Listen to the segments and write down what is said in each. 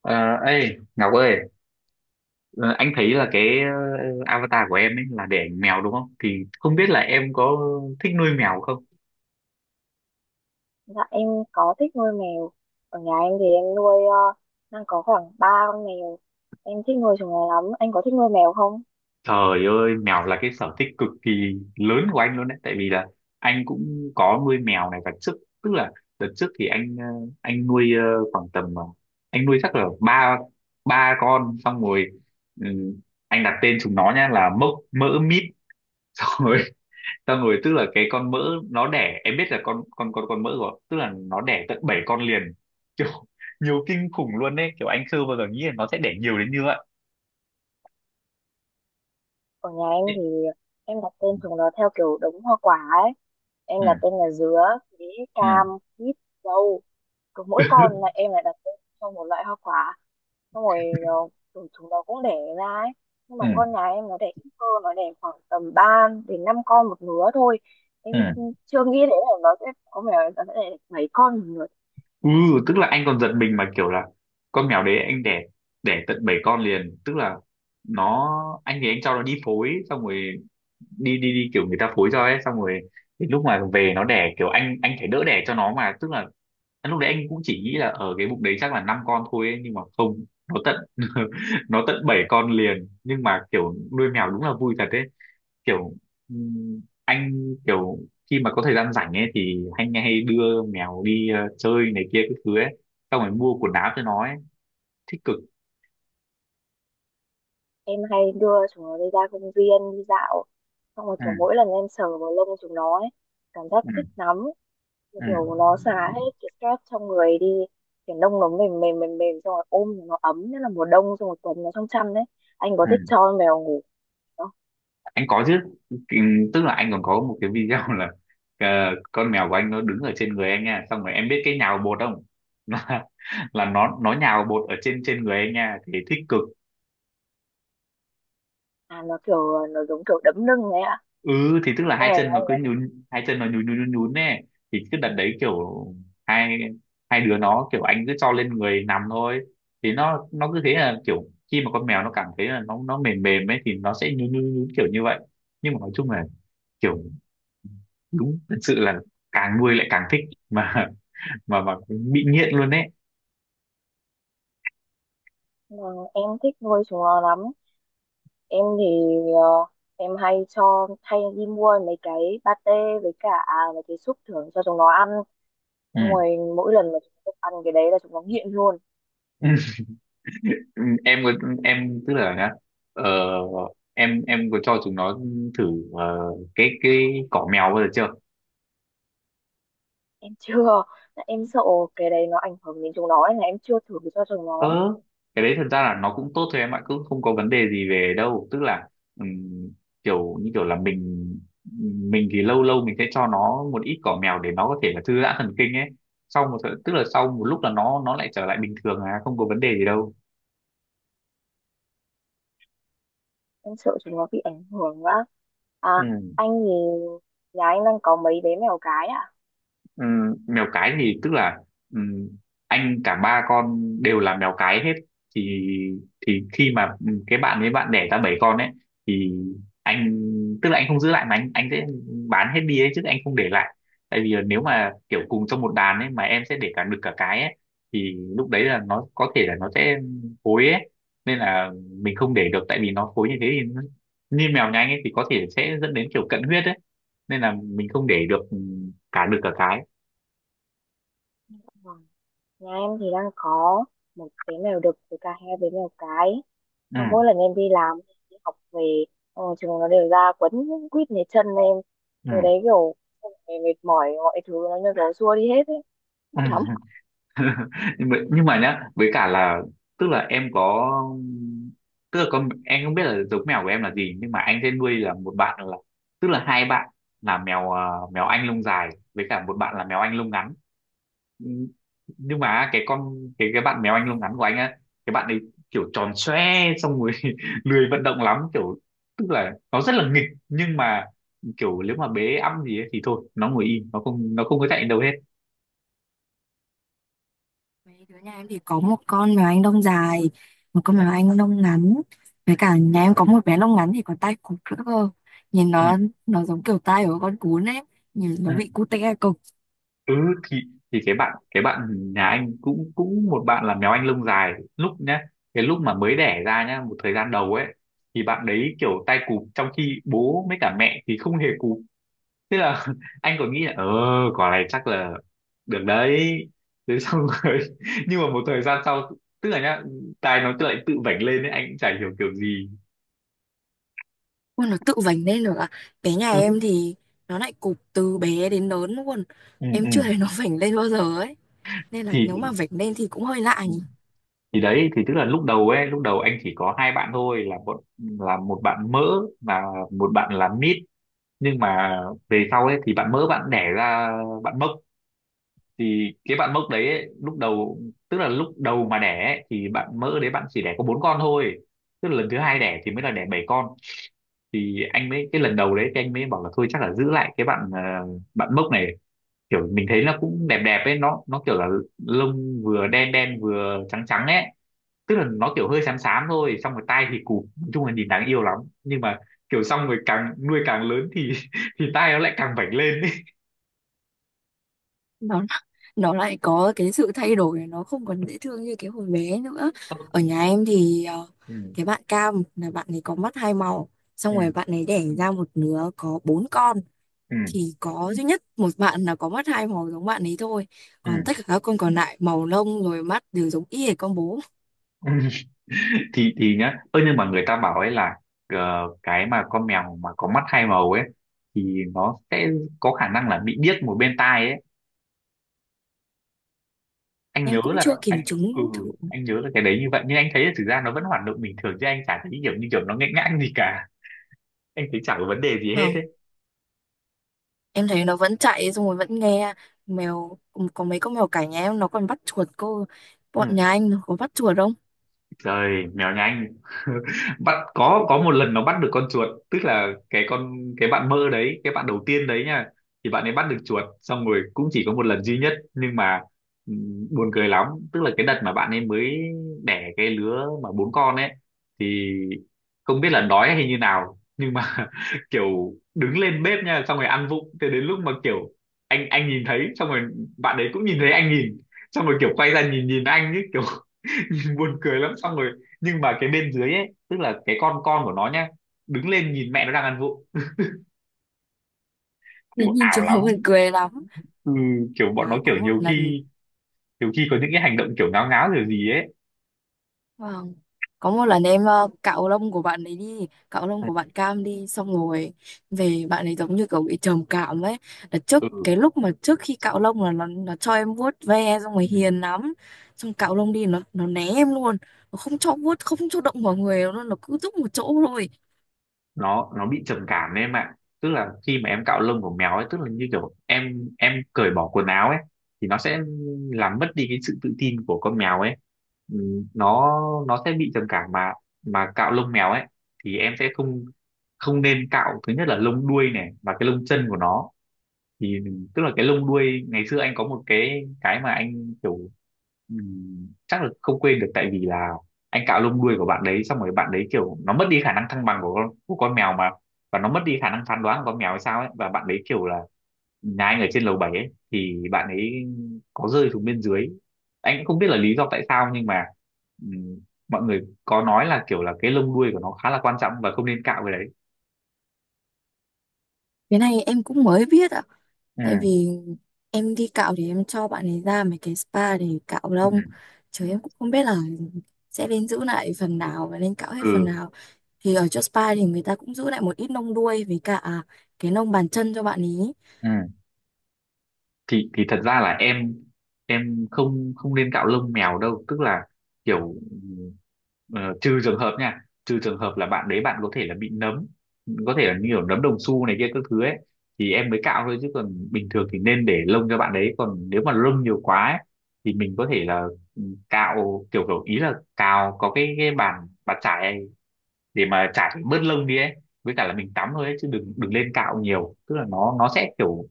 Ờ, Ngọc ơi, ờ, anh thấy là avatar của em ấy là để ảnh mèo đúng không? Thì không biết là em có thích nuôi mèo không? Dạ em có thích nuôi mèo. Ở nhà em thì em nuôi đang có khoảng 3 con mèo. Em thích nuôi chúng nó lắm. Anh có thích nuôi mèo không? Trời ơi, mèo là cái sở thích cực kỳ lớn của anh luôn đấy. Tại vì là anh cũng có nuôi mèo này và trước, tức là đợt trước thì anh nuôi khoảng tầm anh nuôi chắc là ba ba con, xong rồi ừ, anh đặt tên chúng nó nha là Mốc, Mỡ, Mít. Tao ngồi, tức là cái con mỡ nó đẻ, em biết là con mỡ rồi, tức là nó đẻ tận 7 con liền kiểu nhiều kinh khủng luôn đấy, kiểu anh chưa bao giờ nghĩ là nó sẽ đẻ nhiều đến như vậy. Ở nhà em Ừ, thì em đặt tên chúng nó theo kiểu đống hoa quả ấy. Em ừ, đặt tên là dứa, bí, cam, ừ, quýt, dâu. Cứ mỗi con là em lại đặt tên cho một loại hoa quả. Xong rồi ờ, tụi chúng nó cũng đẻ ra ấy. Nhưng mà ừ, con nhà em nó đẻ ít cơ, nó đẻ khoảng tầm 3 đến 5 con một lứa thôi. Em ừ. chưa nghĩ đến là nó sẽ có mèo nó sẽ đẻ 7 con một lứa. Ừ, tức là anh còn giật mình mà kiểu là con mèo đấy anh đẻ, đẻ tận 7 con liền, tức là nó, anh thì anh cho nó đi phối xong rồi đi đi đi kiểu người ta phối cho ấy, xong rồi đến lúc mà về nó đẻ kiểu anh phải đỡ đẻ cho nó, mà tức là lúc đấy anh cũng chỉ nghĩ là ở cái bụng đấy chắc là năm con thôi ấy, nhưng mà không, nó tận nó tận bảy con liền. Nhưng mà kiểu nuôi mèo đúng là vui thật đấy, kiểu anh kiểu khi mà có thời gian rảnh ấy thì anh hay đưa mèo đi chơi này kia cái thứ ấy, xong rồi mua quần áo cho nó ấy, thích cực. Em hay đưa chúng nó đi ra công viên đi dạo, xong rồi Ừ, kiểu mỗi lần em sờ vào lông chúng nó ấy, cảm giác ừ, thích lắm. Như ừ, kiểu nó xả hết cái stress trong người đi, kiểu lông nó mềm mềm mềm mềm, xong rồi ôm thì nó ấm, nhất là mùa đông xong rồi quấn nó trong chăn đấy. Anh có ừ. thích cho con mèo ngủ không? Anh có chứ. Tức là anh còn có một cái video là ờ, con mèo của anh nó đứng ở trên người anh nha, xong rồi em biết cái nhào bột không, là, là nó nhào bột ở trên trên người anh nha, thì thích cực. À, nó kiểu nó giống kiểu đấm lưng ấy ạ. Ừ, thì tức là Con hai mèo chân anh nó cứ đấy. nhún, hai chân nó nhún nhún nhún nhún nè, thì cứ đặt đấy kiểu hai hai đứa nó, kiểu anh cứ cho lên người nằm thôi, thì nó cứ thế là kiểu khi mà con mèo nó cảm thấy là nó mềm mềm ấy thì nó sẽ nhún nhún nhún kiểu như vậy. Nhưng mà nói chung là kiểu đúng thật sự là càng nuôi lại càng thích, mà mà bị nghiện luôn đấy. Vâng, em thích nuôi chúng nó lắm. Em thì ờ, em hay cho hay đi mua mấy cái pate với cả à, mấy cái súp thưởng cho chúng nó ăn, xong Ừ. rồi mỗi lần mà chúng nó ăn cái đấy là chúng nó nghiện luôn. Ừ, em có, em tức là nhá, ờ, em có cho chúng nó thử cái cỏ mèo bao giờ chưa? Em chưa. Em sợ cái đấy nó ảnh hưởng đến chúng nó, nên là em chưa thử cho chúng nó. ờ cái đấy thật ra là nó cũng tốt thôi em ạ, cũng không có vấn đề gì về đâu, tức là ừm, kiểu như kiểu là mình thì lâu lâu mình sẽ cho nó một ít cỏ mèo để nó có thể là thư giãn thần kinh ấy, sau tức là sau một lúc là nó lại trở lại bình thường, à không có vấn đề gì đâu. Em sợ chúng nó bị ảnh hưởng quá. À, Ừ. anh thì nhà anh đang có mấy bé mèo cái ạ? Ừm, Mèo cái thì tức là ừm, anh cả ba con đều là mèo cái hết, thì thì khi mà cái bạn ấy bạn đẻ ra bảy con ấy thì anh, tức là anh không giữ lại mà anh sẽ bán hết đi ấy, chứ anh không để lại, tại vì là nếu mà kiểu cùng trong một đàn ấy mà em sẽ để cả đực cả cái ấy thì lúc đấy là nó có thể là nó sẽ phối ấy, nên là mình không để được, tại vì nó phối như thế thì như mèo nhà anh ấy thì có thể sẽ dẫn đến kiểu cận huyết ấy, nên là mình không để được cả đực cả cái. Vâng. Nhà em thì đang có một bé mèo đực với cả hai bé mèo cái, xong mỗi Ừ, lần em đi làm đi học về, xong rồi chúng nó đều ra quấn quýt lấy chân em, thì ừ, đấy kiểu xong rồi mệt mỏi mọi thứ nó như kiểu xua đi hết ấy. ừ. Nhưng mà nhá, với cả là tức là em có, tức là con em không biết là giống mèo của em là gì, nhưng mà anh sẽ nuôi là một bạn là, tức là hai bạn là mèo anh lông dài với cả một bạn là mèo anh lông ngắn. Ừ, nhưng mà cái con cái bạn mèo anh lông ngắn của anh á, cái bạn ấy kiểu tròn xoe, xong rồi lười vận động lắm, kiểu tức là nó rất là nghịch, nhưng mà kiểu nếu mà bế ẵm gì ấy, thì thôi nó ngồi im, nó không, nó không có chạy đâu hết. Mấy đứa nhà em thì có một con mèo Anh Đông dài, một con mèo Anh Đông ngắn. Với cả nhà em có một bé lông ngắn thì còn tai cụp nữa cơ. Nhìn Ừ, nó giống kiểu tai của con cún ấy. Nhìn nó ừ. bị cụt tai cụp. Ừ, thì thì cái bạn nhà anh cũng, cũng một bạn là mèo anh lông dài, lúc nhá cái lúc mà mới đẻ ra nhá một thời gian đầu ấy, thì bạn đấy kiểu tay cụp, trong khi bố với cả mẹ thì không hề cụp, thế là anh còn nghĩ là ờ, quả này chắc là được đấy, thế xong rồi nhưng mà một thời gian sau, tức là nhá tai nó lại tự vểnh lên ấy, anh cũng chả hiểu kiểu gì. Ui, nó tự vành lên được à? Bé nhà Ừ, em thì nó lại cụp từ bé đến lớn luôn. ừ, Em ừ. chưa thấy nó vành lên bao giờ ấy. Nên là nếu thì mà vành lên thì cũng hơi lạ nhỉ. thì đấy, thì tức là lúc đầu ấy, lúc đầu anh chỉ có hai bạn thôi là một, là một bạn mỡ và một bạn là mít. Nhưng mà về sau ấy thì bạn mỡ bạn đẻ ra bạn mốc, thì cái bạn mốc đấy ấy, lúc đầu tức là lúc đầu mà đẻ ấy, thì bạn mỡ đấy bạn chỉ đẻ có bốn con thôi, tức là lần thứ hai đẻ thì mới là đẻ bảy con, thì anh mới, cái lần đầu đấy thì anh mới bảo là thôi chắc là giữ lại cái bạn, bạn mốc này, kiểu mình thấy nó cũng đẹp đẹp ấy, nó kiểu là lông vừa đen đen vừa trắng trắng ấy, tức là nó kiểu hơi xám xám thôi, xong rồi tai thì cụp, nói chung là nhìn đáng yêu lắm. Nhưng mà kiểu xong rồi càng nuôi càng lớn thì thì tai nó lại càng vảnh lên ấy. Nó lại có cái sự thay đổi, nó không còn dễ thương như cái hồi bé nữa. Ở nhà em thì Ừ, cái bạn cam là bạn ấy có mắt hai màu, xong ừ, rồi bạn ấy đẻ ra một đứa có bốn con, ừ, thì có duy nhất một bạn là có mắt hai màu giống bạn ấy thôi, ừ. còn tất cả các con còn lại màu lông rồi mắt đều giống y hệt con bố. Thì nhá ơ nhưng mà người ta bảo ấy là cái mà con mèo mà có mắt hai màu ấy thì nó sẽ có khả năng là bị điếc một bên tai ấy, anh Em nhớ cũng là chưa anh, kiểm ừ, chứng thử. anh nhớ là cái đấy như vậy, nhưng anh thấy là thực ra nó vẫn hoạt động bình thường, chứ anh chả thấy kiểu như kiểu nó nghẽn ngãng gì cả, anh thấy chả có vấn đề gì hết Không, ấy. em thấy nó vẫn chạy xong rồi vẫn nghe. Mèo có mấy con mèo cả nhà em nó còn bắt chuột cô, bọn Ừ, nhà anh nó có bắt chuột không? trời mèo nhanh. Bắt, có một lần nó bắt được con chuột, tức là cái con, cái bạn mơ đấy, cái bạn đầu tiên đấy nha, thì bạn ấy bắt được chuột, xong rồi cũng chỉ có một lần duy nhất. Nhưng mà buồn cười lắm, tức là cái đợt mà bạn ấy mới đẻ cái lứa mà bốn con ấy, thì không biết là đói hay như nào, nhưng mà kiểu đứng lên bếp nha, xong rồi ăn vụng, thế đến lúc mà kiểu anh nhìn thấy, xong rồi bạn ấy cũng nhìn thấy anh nhìn, xong rồi kiểu quay ra nhìn nhìn anh ấy kiểu buồn cười lắm, xong rồi nhưng mà cái bên dưới ấy, tức là cái con của nó nhá đứng lên nhìn mẹ nó đang ăn vụng, kiểu Thế nhìn ảo chúng lắm. nó buồn cười lắm. Ừ, kiểu bọn nó À, kiểu có một nhiều lần, khi, nhiều khi có những cái hành động kiểu ngáo ngáo kiểu gì ấy. vâng. Có một lần em cạo lông của bạn ấy đi, cạo lông của bạn Cam đi, xong rồi về bạn ấy giống như kiểu bị trầm cảm ấy, là trước Ừ, cái lúc mà trước khi cạo lông là nó cho em vuốt ve xong rồi ừ. hiền lắm. Xong cạo lông đi nó né em luôn, nó không cho vuốt, không cho động vào người nó cứ thúc một chỗ thôi. Nó bị trầm cảm đấy em ạ, tức là khi mà em cạo lông của mèo ấy, tức là như kiểu em cởi bỏ quần áo ấy, thì nó sẽ làm mất đi cái sự tự tin của con mèo ấy. Ừ, nó nó sẽ bị trầm cảm, mà cạo lông mèo ấy thì em sẽ không, không nên cạo, thứ nhất là lông đuôi này, và cái lông chân của nó. Thì tức là cái lông đuôi ngày xưa anh có một cái mà anh kiểu chắc là không quên được, tại vì là anh cạo lông đuôi của bạn đấy, xong rồi bạn đấy kiểu nó mất đi khả năng thăng bằng của con mèo mà, và nó mất đi khả năng phán đoán của con mèo hay sao ấy, và bạn đấy kiểu là nhà anh ở trên lầu 7 ấy, thì bạn ấy có rơi xuống bên dưới, anh cũng không biết là lý do tại sao. Nhưng mà ừm, mọi người có nói là kiểu là cái lông đuôi của nó khá là quan trọng và không nên cạo cái đấy. Cái này em cũng mới biết ạ. Tại Ừ, vì em đi cạo thì em cho bạn ấy ra mấy cái spa để cạo lông. Chứ em cũng không biết là sẽ nên giữ lại phần nào và nên cạo hết phần ừ, nào. Thì ở chỗ spa thì người ta cũng giữ lại một ít lông đuôi với cả cái lông bàn chân cho bạn ấy. ừ. Thì thật ra là em không không nên cạo lông mèo đâu, tức là kiểu ờ, trừ trường hợp nha, trừ trường hợp là bạn đấy bạn có thể là bị nấm, có thể là như kiểu nấm đồng xu này kia các thứ ấy, thì em mới cạo thôi, chứ còn bình thường thì nên để lông cho bạn đấy, còn nếu mà lông nhiều quá ấy, thì mình có thể là ừ, cạo kiểu, kiểu ý là cào, có cái bàn, bàn chải để mà chải bớt lông đi ấy, với cả là mình tắm thôi ấy, chứ đừng đừng lên cạo nhiều, tức là nó sẽ kiểu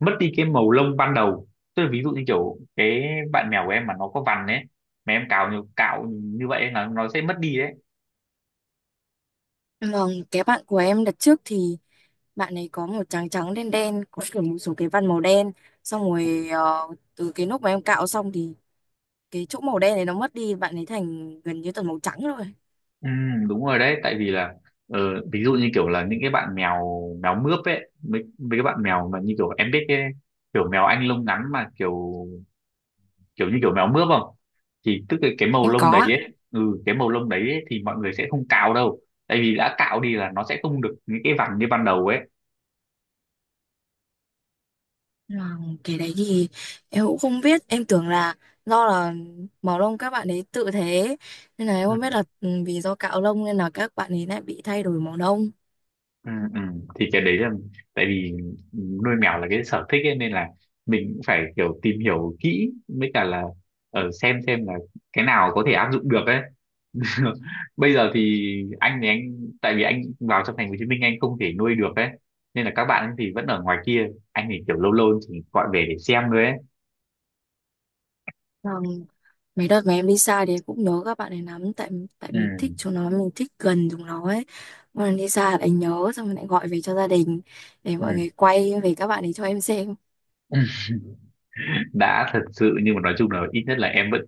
mất đi cái màu lông ban đầu, tức là ví dụ như kiểu cái bạn mèo của em mà nó có vằn ấy, mà em cạo nhiều cạo như vậy ấy, là nó sẽ mất đi đấy. Còn cái bạn của em đợt trước thì bạn ấy có một trắng trắng đen đen, có kiểu một số cái vân màu đen. Xong rồi từ cái lúc mà em cạo xong thì cái chỗ màu đen này nó mất đi, bạn ấy thành gần như toàn màu trắng rồi. Ừ, đúng rồi đấy, tại vì là ờ, ví dụ như kiểu là những cái bạn mèo mèo mướp ấy, mấy, mấy cái bạn mèo mà như kiểu em biết cái kiểu mèo anh lông ngắn mà kiểu kiểu như kiểu mèo mướp không, thì tức là cái màu Em lông đấy có. ấy, ừ cái màu lông đấy ấy, thì mọi người sẽ không cạo đâu, tại vì đã cạo đi là nó sẽ không được những cái vằn như ban đầu ấy. À, cái đấy thì em cũng không biết, em tưởng là do là màu lông các bạn ấy tự thế, nên là em Ừ. không biết là vì do cạo lông nên là các bạn ấy lại bị thay đổi màu lông. Ừ, ừ. Thì cái đấy là, tại vì nuôi mèo là cái sở thích ấy, nên là mình cũng phải kiểu tìm hiểu kỹ, với cả là ở xem là cái nào có thể áp dụng được ấy. Bây giờ thì anh, thì anh, tại vì anh vào trong thành phố Hồ Chí Minh anh không thể nuôi được ấy, nên là các bạn thì vẫn ở ngoài kia, anh thì kiểu lâu lâu chỉ gọi về để xem thôi ấy. Vâng, mấy đợt mà em đi xa thì em cũng nhớ các bạn ấy lắm, tại tại Ừ. mình thích chúng nó, mình thích gần chúng nó ấy, mà lần đi xa lại nhớ, xong rồi lại gọi về cho gia đình để Ừ. mọi người quay về các bạn ấy cho em xem. Ừ. Đã thật sự nhưng mà nói chung là ít nhất là em vẫn,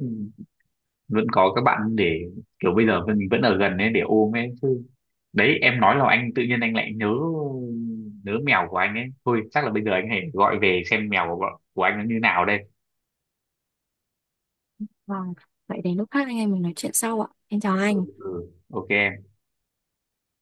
vẫn có các bạn để kiểu bây giờ mình vẫn ở gần ấy để ôm ấy chứ. Đấy em nói là anh tự nhiên anh lại nhớ, nhớ mèo của anh ấy, thôi chắc là bây giờ anh hãy gọi về xem mèo của anh nó như nào đây. Vâng, vậy đến lúc khác anh em mình nói chuyện sau ạ. Em chào Ừ, anh. ừ. Ok.